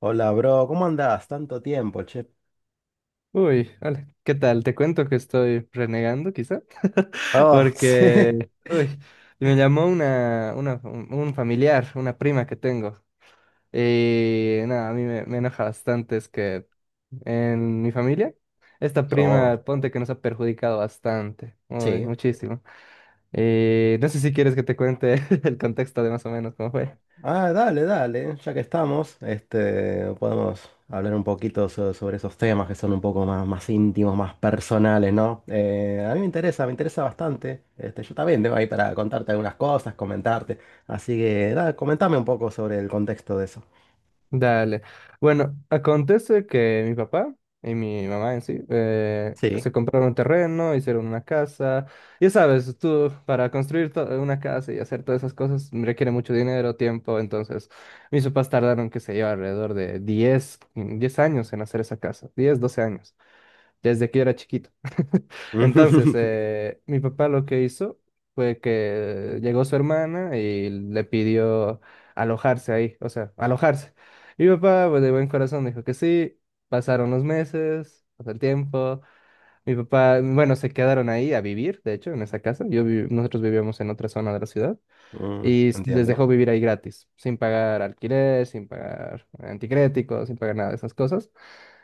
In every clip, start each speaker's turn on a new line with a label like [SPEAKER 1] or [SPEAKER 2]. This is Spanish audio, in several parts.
[SPEAKER 1] Hola, bro, ¿cómo andás? Tanto tiempo, che.
[SPEAKER 2] Uy, hola, ¿qué tal? Te cuento que estoy renegando, quizá,
[SPEAKER 1] Oh, sí.
[SPEAKER 2] porque, uy, me llamó una, un familiar, una prima que tengo, y nada, a mí me enoja bastante, es que en mi familia, esta
[SPEAKER 1] Oh,
[SPEAKER 2] prima, ponte que nos ha perjudicado bastante, uy,
[SPEAKER 1] sí.
[SPEAKER 2] muchísimo, y no sé si quieres que te cuente el contexto de más o menos cómo fue.
[SPEAKER 1] Ah, dale, dale, ya que estamos, podemos hablar un poquito sobre esos temas que son un poco más, más íntimos, más personales, ¿no? A mí me interesa bastante. Yo también tengo ahí para contarte algunas cosas, comentarte. Así que, nada, comentame un poco sobre el contexto de eso.
[SPEAKER 2] Dale. Bueno, acontece que mi papá y mi mamá en sí
[SPEAKER 1] Sí.
[SPEAKER 2] se compraron un terreno, hicieron una casa. Ya sabes, tú para construir una casa y hacer todas esas cosas requiere mucho dinero, tiempo. Entonces, mis papás tardaron, qué sé yo, alrededor de diez años en hacer esa casa, 10 12 años desde que yo era chiquito. Entonces, mi papá lo que hizo fue que llegó su hermana y le pidió alojarse ahí, o sea, alojarse. Mi papá, pues, de buen corazón, dijo que sí. Pasaron los meses, pasó el tiempo. Mi papá, bueno, se quedaron ahí a vivir, de hecho, en esa casa. Nosotros vivíamos en otra zona de la ciudad
[SPEAKER 1] Mm,
[SPEAKER 2] y les
[SPEAKER 1] entiendo.
[SPEAKER 2] dejó vivir ahí gratis, sin pagar alquiler, sin pagar anticréticos, sin pagar nada de esas cosas.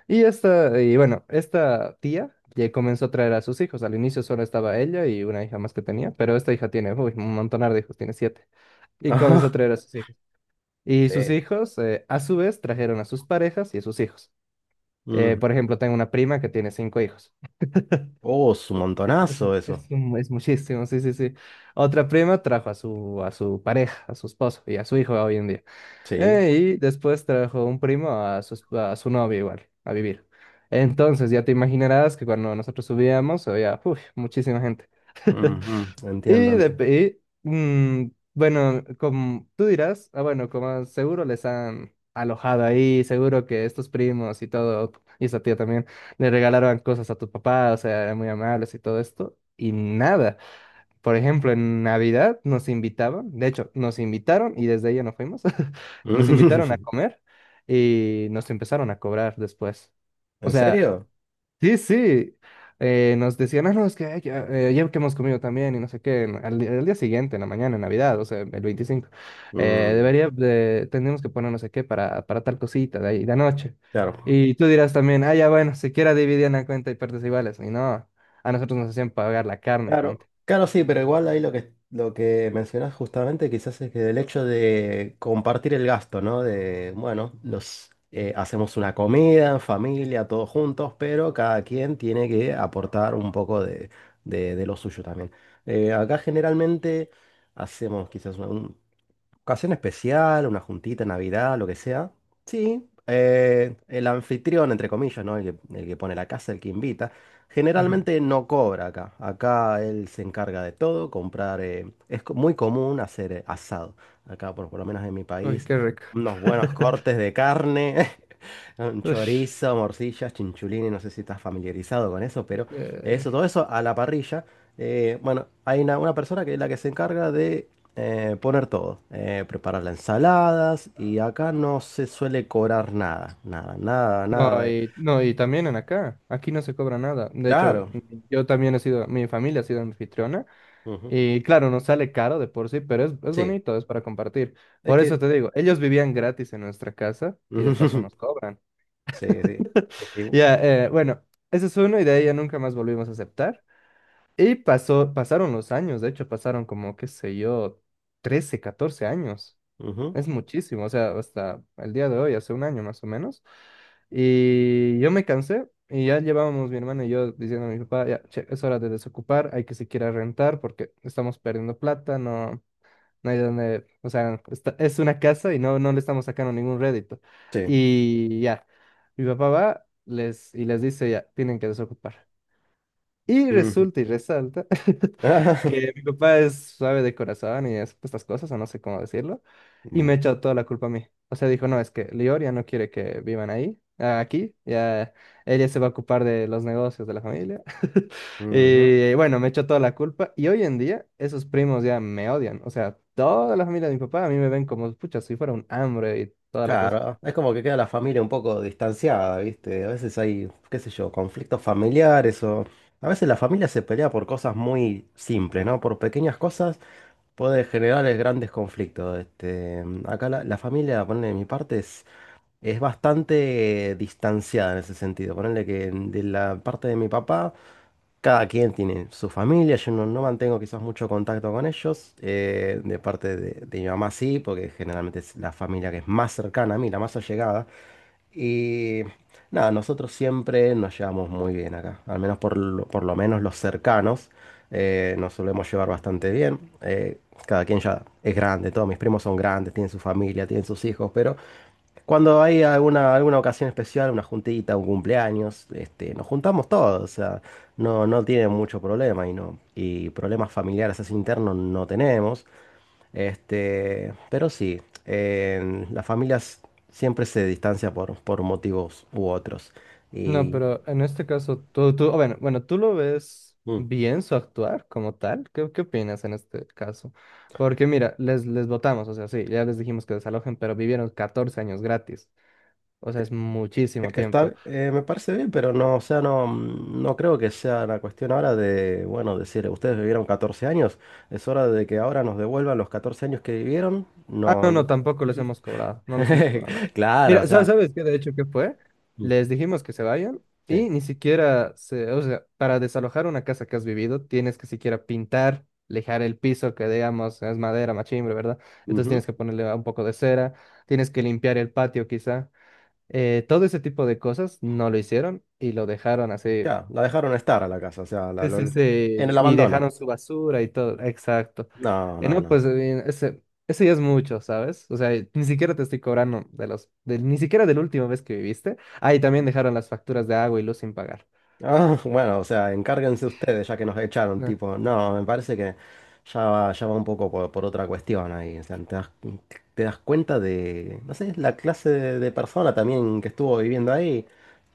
[SPEAKER 2] Y esta, y Bueno, esta tía ya comenzó a traer a sus hijos. Al inicio solo estaba ella y una hija más que tenía, pero esta hija tiene, uy, un montonar de hijos, tiene siete. Y
[SPEAKER 1] Ajá,
[SPEAKER 2] comenzó a traer a sus hijos. Y sus
[SPEAKER 1] sí.
[SPEAKER 2] hijos, a su vez, trajeron a sus parejas y a sus hijos.
[SPEAKER 1] Mm.
[SPEAKER 2] Por ejemplo, tengo una prima que tiene cinco hijos.
[SPEAKER 1] Oh, es un
[SPEAKER 2] Es, es,
[SPEAKER 1] montonazo eso.
[SPEAKER 2] es un- es muchísimo, sí, sí, sí. Otra prima trajo a a su pareja, a su esposo y a su hijo hoy en día.
[SPEAKER 1] Sí.
[SPEAKER 2] Y después trajo un primo a a su novia igual, a vivir. Entonces ya te imaginarás que cuando nosotros subíamos había uf, muchísima gente.
[SPEAKER 1] Ujú, entiendo, entiendo.
[SPEAKER 2] Bueno, como tú dirás, ah, bueno, como seguro les han alojado ahí, seguro que estos primos y todo, y esa tía también, le regalaron cosas a tu papá, o sea, eran muy amables y todo esto, y nada. Por ejemplo, en Navidad nos invitaban, de hecho, nos invitaron y desde ella no fuimos, nos invitaron a comer y nos empezaron a cobrar después. O
[SPEAKER 1] ¿En
[SPEAKER 2] sea,
[SPEAKER 1] serio?
[SPEAKER 2] sí, sí, nos decían, ah, no, es que ay, ya, ya que hemos comido también y no sé qué, al día siguiente, en la mañana, en Navidad, o sea, el 25
[SPEAKER 1] Mm,
[SPEAKER 2] tendríamos que poner no sé qué para tal cosita de ahí, de anoche.
[SPEAKER 1] claro.
[SPEAKER 2] Y tú dirás también, ah, ya bueno, siquiera dividían la cuenta y partes iguales. Y no, a nosotros nos hacían pagar la carne, ponte.
[SPEAKER 1] Claro, claro, sí, pero igual ahí lo que mencionas justamente quizás es que el hecho de compartir el gasto, ¿no? De, bueno, hacemos una comida en familia, todos juntos, pero cada quien tiene que aportar un poco de, de lo suyo también. Acá generalmente hacemos quizás un, ocasión especial, una juntita, Navidad, lo que sea. Sí, el anfitrión, entre comillas, ¿no? El que pone la casa, el que invita. Generalmente no cobra acá. Acá él se encarga de todo, comprar. Es muy común hacer asado. Acá, por lo menos en mi
[SPEAKER 2] Uy,
[SPEAKER 1] país,
[SPEAKER 2] qué rico.
[SPEAKER 1] unos buenos cortes de carne, un
[SPEAKER 2] Ush,
[SPEAKER 1] chorizo, morcillas, chinchulines. No sé si estás familiarizado con eso, pero eso,
[SPEAKER 2] eh,
[SPEAKER 1] todo eso a la parrilla. Bueno, hay una persona que es la que se encarga de poner todo, preparar las ensaladas y acá no se suele cobrar nada, nada, nada, nada.
[SPEAKER 2] no, y también en acá, aquí no se cobra nada. De hecho,
[SPEAKER 1] Claro.
[SPEAKER 2] yo también he sido, mi familia ha sido anfitriona
[SPEAKER 1] Ujú,
[SPEAKER 2] y claro, no sale caro de por sí, pero es
[SPEAKER 1] sí,
[SPEAKER 2] bonito, es para compartir.
[SPEAKER 1] es
[SPEAKER 2] Por eso
[SPEAKER 1] que...
[SPEAKER 2] te digo, ellos
[SPEAKER 1] Sí,
[SPEAKER 2] vivían gratis en nuestra casa y de paso nos cobran.
[SPEAKER 1] sí, sí, es que...
[SPEAKER 2] Ya, bueno, ese es uno y de ahí ya nunca más volvimos a aceptar. Y pasó, pasaron los años, de hecho pasaron como, qué sé yo, 13, 14 años.
[SPEAKER 1] Ujú,
[SPEAKER 2] Es muchísimo, o sea, hasta el día de hoy, hace un año más o menos. Y yo me cansé y ya llevábamos mi hermana y yo diciendo a mi papá, ya, che, es hora de desocupar, hay que siquiera rentar porque estamos perdiendo plata, no, no hay donde, o sea, es una casa y no, no le estamos sacando ningún rédito.
[SPEAKER 1] sí.
[SPEAKER 2] Y ya, mi papá va les, y les dice, ya, tienen que desocupar. Y
[SPEAKER 1] Ujú.
[SPEAKER 2] resulta y resalta que mi papá es suave de corazón y es pues, estas cosas, o no sé cómo decirlo, y me
[SPEAKER 1] Mm,
[SPEAKER 2] echó toda la culpa a mí. O sea, dijo, no, es que Lior ya no quiere que vivan ahí, ah, aquí, ya ella se va a ocupar de los negocios de la familia.
[SPEAKER 1] ujú,
[SPEAKER 2] Y bueno, me echó toda la culpa y hoy en día esos primos ya me odian. O sea, toda la familia de mi papá a mí me ven como, pucha, si fuera un hambre y toda la cosa.
[SPEAKER 1] claro, es como que queda la familia un poco distanciada, ¿viste? A veces hay, qué sé yo, conflictos familiares o... A veces la familia se pelea por cosas muy simples, ¿no? Por pequeñas cosas puede generar grandes conflictos. Acá la familia, ponele de mi parte, es bastante distanciada en ese sentido. Ponele que de la parte de mi papá. Cada quien tiene su familia, yo no, no mantengo quizás mucho contacto con ellos, de parte de mi mamá sí, porque generalmente es la familia que es más cercana a mí, la más allegada. Y nada, nosotros siempre nos llevamos muy bien acá, al menos por lo menos los cercanos nos solemos llevar bastante bien. Cada quien ya es grande, todos mis primos son grandes, tienen su familia, tienen sus hijos, pero cuando hay alguna ocasión especial, una juntita, un cumpleaños, nos juntamos todos, o sea, no, no tienen mucho problema y no, y problemas familiares así internos no tenemos. Pero sí, las familias siempre se distancian por motivos u otros.
[SPEAKER 2] No,
[SPEAKER 1] Y,
[SPEAKER 2] pero en este caso, bueno, bueno, ¿tú lo ves
[SPEAKER 1] mm.
[SPEAKER 2] bien su actuar como tal? ¿Qué opinas en este caso? Porque mira, les votamos, o sea, sí, ya les dijimos que desalojen, pero vivieron 14 años gratis, o sea, es
[SPEAKER 1] Es
[SPEAKER 2] muchísimo
[SPEAKER 1] que
[SPEAKER 2] tiempo.
[SPEAKER 1] está, me parece bien, pero no, o sea, no, mm, no creo que sea la cuestión ahora de, bueno, decir, ustedes vivieron 14 años, es hora de que ahora nos devuelvan los 14 años que vivieron.
[SPEAKER 2] Ah,
[SPEAKER 1] No,
[SPEAKER 2] no, no, tampoco les hemos cobrado, no les hemos cobrado nada.
[SPEAKER 1] claro, o
[SPEAKER 2] Mira,
[SPEAKER 1] sea,
[SPEAKER 2] ¿sabes qué? De hecho, ¿qué fue?
[SPEAKER 1] mm,
[SPEAKER 2] Les dijimos que se vayan
[SPEAKER 1] sí,
[SPEAKER 2] y ni siquiera, se, o sea, para desalojar una casa que has vivido, tienes que siquiera pintar, lijar el piso, que digamos es madera, machimbre, ¿verdad? Entonces
[SPEAKER 1] ujú,
[SPEAKER 2] tienes que ponerle un poco de cera, tienes que limpiar el patio quizá. Todo ese tipo de cosas no lo hicieron y lo dejaron así.
[SPEAKER 1] ya, la dejaron estar a la casa, o sea,
[SPEAKER 2] Sí, sí,
[SPEAKER 1] en
[SPEAKER 2] sí,
[SPEAKER 1] el
[SPEAKER 2] y
[SPEAKER 1] abandono.
[SPEAKER 2] dejaron su basura y todo, exacto.
[SPEAKER 1] No,
[SPEAKER 2] Y
[SPEAKER 1] no,
[SPEAKER 2] no,
[SPEAKER 1] no.
[SPEAKER 2] pues ese ya es mucho, ¿sabes? O sea, ni siquiera te estoy cobrando ni siquiera de la última vez que viviste. Ah, y también dejaron las facturas de agua y luz sin pagar.
[SPEAKER 1] Ah, bueno, o sea, encárguense ustedes ya que nos echaron,
[SPEAKER 2] No,
[SPEAKER 1] tipo, no, me parece que ya va un poco por otra cuestión ahí, o sea, te das cuenta de, no sé, la clase de persona también que estuvo viviendo ahí,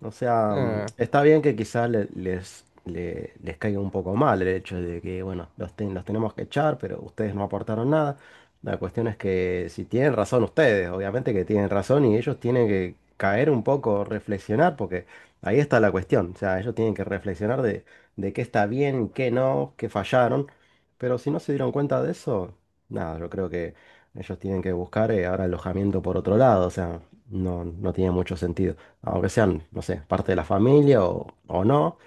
[SPEAKER 1] o sea, mm,
[SPEAKER 2] ah,
[SPEAKER 1] está bien que quizás les caiga un poco mal el hecho de que, bueno, los, los tenemos que echar, pero ustedes no aportaron nada, la cuestión es que si tienen razón ustedes, obviamente que tienen razón y ellos tienen que caer un poco, reflexionar, porque... Ahí está la cuestión, o sea, ellos tienen que reflexionar de qué está bien, qué no, qué fallaron, pero si no se dieron cuenta de eso, nada, yo creo que ellos tienen que buscar ahora alojamiento por otro lado, o sea, no, no tiene mucho sentido, aunque sean, no sé, parte de la familia o no,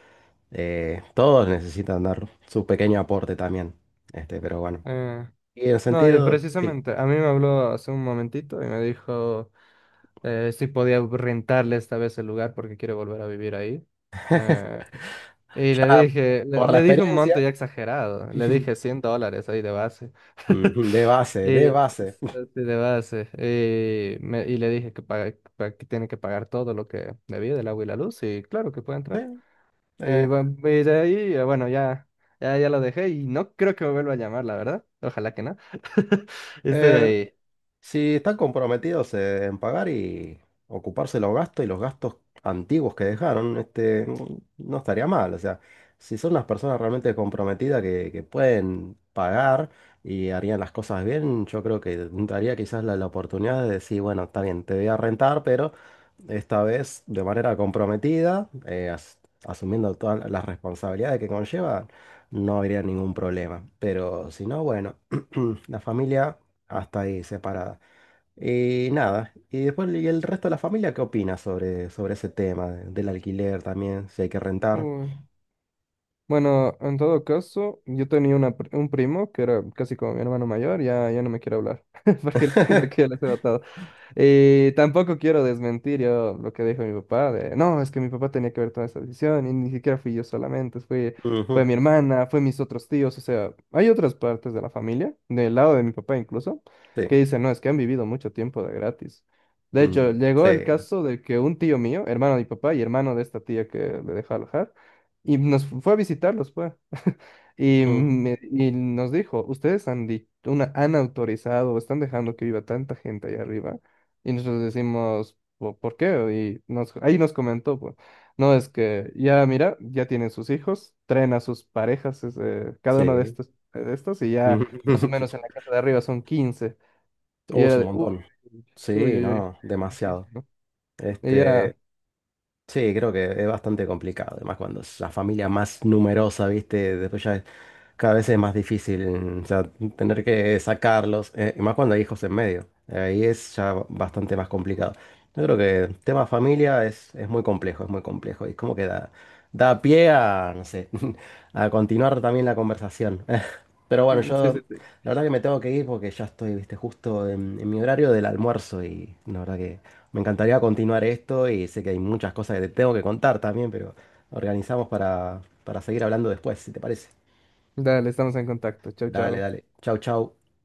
[SPEAKER 1] todos necesitan dar su pequeño aporte también, pero bueno,
[SPEAKER 2] ah.
[SPEAKER 1] y en
[SPEAKER 2] No, y
[SPEAKER 1] sentido, sí,
[SPEAKER 2] precisamente, a mí me habló hace un momentito y me dijo si podía rentarle esta vez el lugar porque quiere volver a vivir ahí. Eh, Y le
[SPEAKER 1] ya
[SPEAKER 2] dije,
[SPEAKER 1] por la
[SPEAKER 2] le dije un monto
[SPEAKER 1] experiencia,
[SPEAKER 2] ya exagerado, le dije $100 ahí de base.
[SPEAKER 1] ujú, de base,
[SPEAKER 2] Y,
[SPEAKER 1] de base.
[SPEAKER 2] Así de base. Y, y le dije que, que tiene que pagar todo lo que debía del agua y la luz, y claro que puede
[SPEAKER 1] Sí,
[SPEAKER 2] entrar. Y,
[SPEAKER 1] eh,
[SPEAKER 2] bu- y de ahí, ya lo dejé y no creo que me vuelva a llamar, la verdad. Ojalá que no. Estoy
[SPEAKER 1] eh,
[SPEAKER 2] ahí.
[SPEAKER 1] si están comprometidos en pagar y ocuparse los gastos y los gastos antiguos que dejaron, mm, no estaría mal. O sea, si son las personas realmente comprometidas que pueden pagar y harían las cosas bien, yo creo que daría quizás la oportunidad de decir, bueno, está bien, te voy a rentar, pero esta vez de manera comprometida, asumiendo todas las responsabilidades que conllevan, no habría ningún problema. Pero si no, bueno, la familia... Hasta ahí, separada. Y nada, y después ¿y el resto de la familia qué opina sobre, sobre ese tema del alquiler también, si hay que rentar?
[SPEAKER 2] Bueno, en todo caso, yo tenía un primo que era casi como mi hermano mayor, ya, ya no me quiere hablar, porque él piensa que ya les he matado. Y tampoco quiero desmentir yo lo que dijo mi papá, de, no, es que mi papá tenía que ver toda esa decisión y ni siquiera fui yo solamente, fue
[SPEAKER 1] Ujú,
[SPEAKER 2] mi hermana, fue mis otros tíos, o sea, hay otras partes de la familia, del lado de mi papá incluso,
[SPEAKER 1] sí,
[SPEAKER 2] que dicen, no, es que han vivido mucho tiempo de gratis. De hecho,
[SPEAKER 1] mm, sí,
[SPEAKER 2] llegó el caso de que un tío mío, hermano de mi papá y hermano de esta tía que le dejó alojar, y fue a visitarlos, pues. Y,
[SPEAKER 1] mm,
[SPEAKER 2] y nos dijo, ustedes han, han autorizado o están dejando que viva tanta gente ahí arriba. Y nosotros decimos, ¿por qué? Y nos, ahí nos comentó, pues, no, es que ya, mira, ya tienen sus hijos, traen a sus parejas, es, cada uno
[SPEAKER 1] sí.
[SPEAKER 2] de estos, y ya
[SPEAKER 1] Mm.
[SPEAKER 2] más o menos en la casa de arriba son 15. Y
[SPEAKER 1] Oh, es
[SPEAKER 2] era
[SPEAKER 1] un
[SPEAKER 2] de, uy,
[SPEAKER 1] montón.
[SPEAKER 2] uy,
[SPEAKER 1] Sí,
[SPEAKER 2] uy, uy.
[SPEAKER 1] no, demasiado.
[SPEAKER 2] Uy". Y
[SPEAKER 1] Este,
[SPEAKER 2] ya,
[SPEAKER 1] sí, creo que es bastante complicado, además cuando es la familia más numerosa, ¿viste? Después ya cada vez es más difícil, o sea, tener que sacarlos, y más cuando hay hijos en medio. Ahí es ya bastante más complicado. Yo creo que el tema familia es muy complejo, es muy complejo. Y es como que da, da pie a, no sé, a continuar también la conversación. Pero bueno,
[SPEAKER 2] sí,
[SPEAKER 1] yo
[SPEAKER 2] sí, sí.
[SPEAKER 1] la verdad que me tengo que ir porque ya estoy, viste, justo en mi horario del almuerzo y la verdad que me encantaría continuar esto y sé que hay muchas cosas que te tengo que contar también, pero organizamos para seguir hablando después, si te parece.
[SPEAKER 2] Dale, estamos en contacto. Chau,
[SPEAKER 1] Dale,
[SPEAKER 2] chau.
[SPEAKER 1] dale. Chau, chau.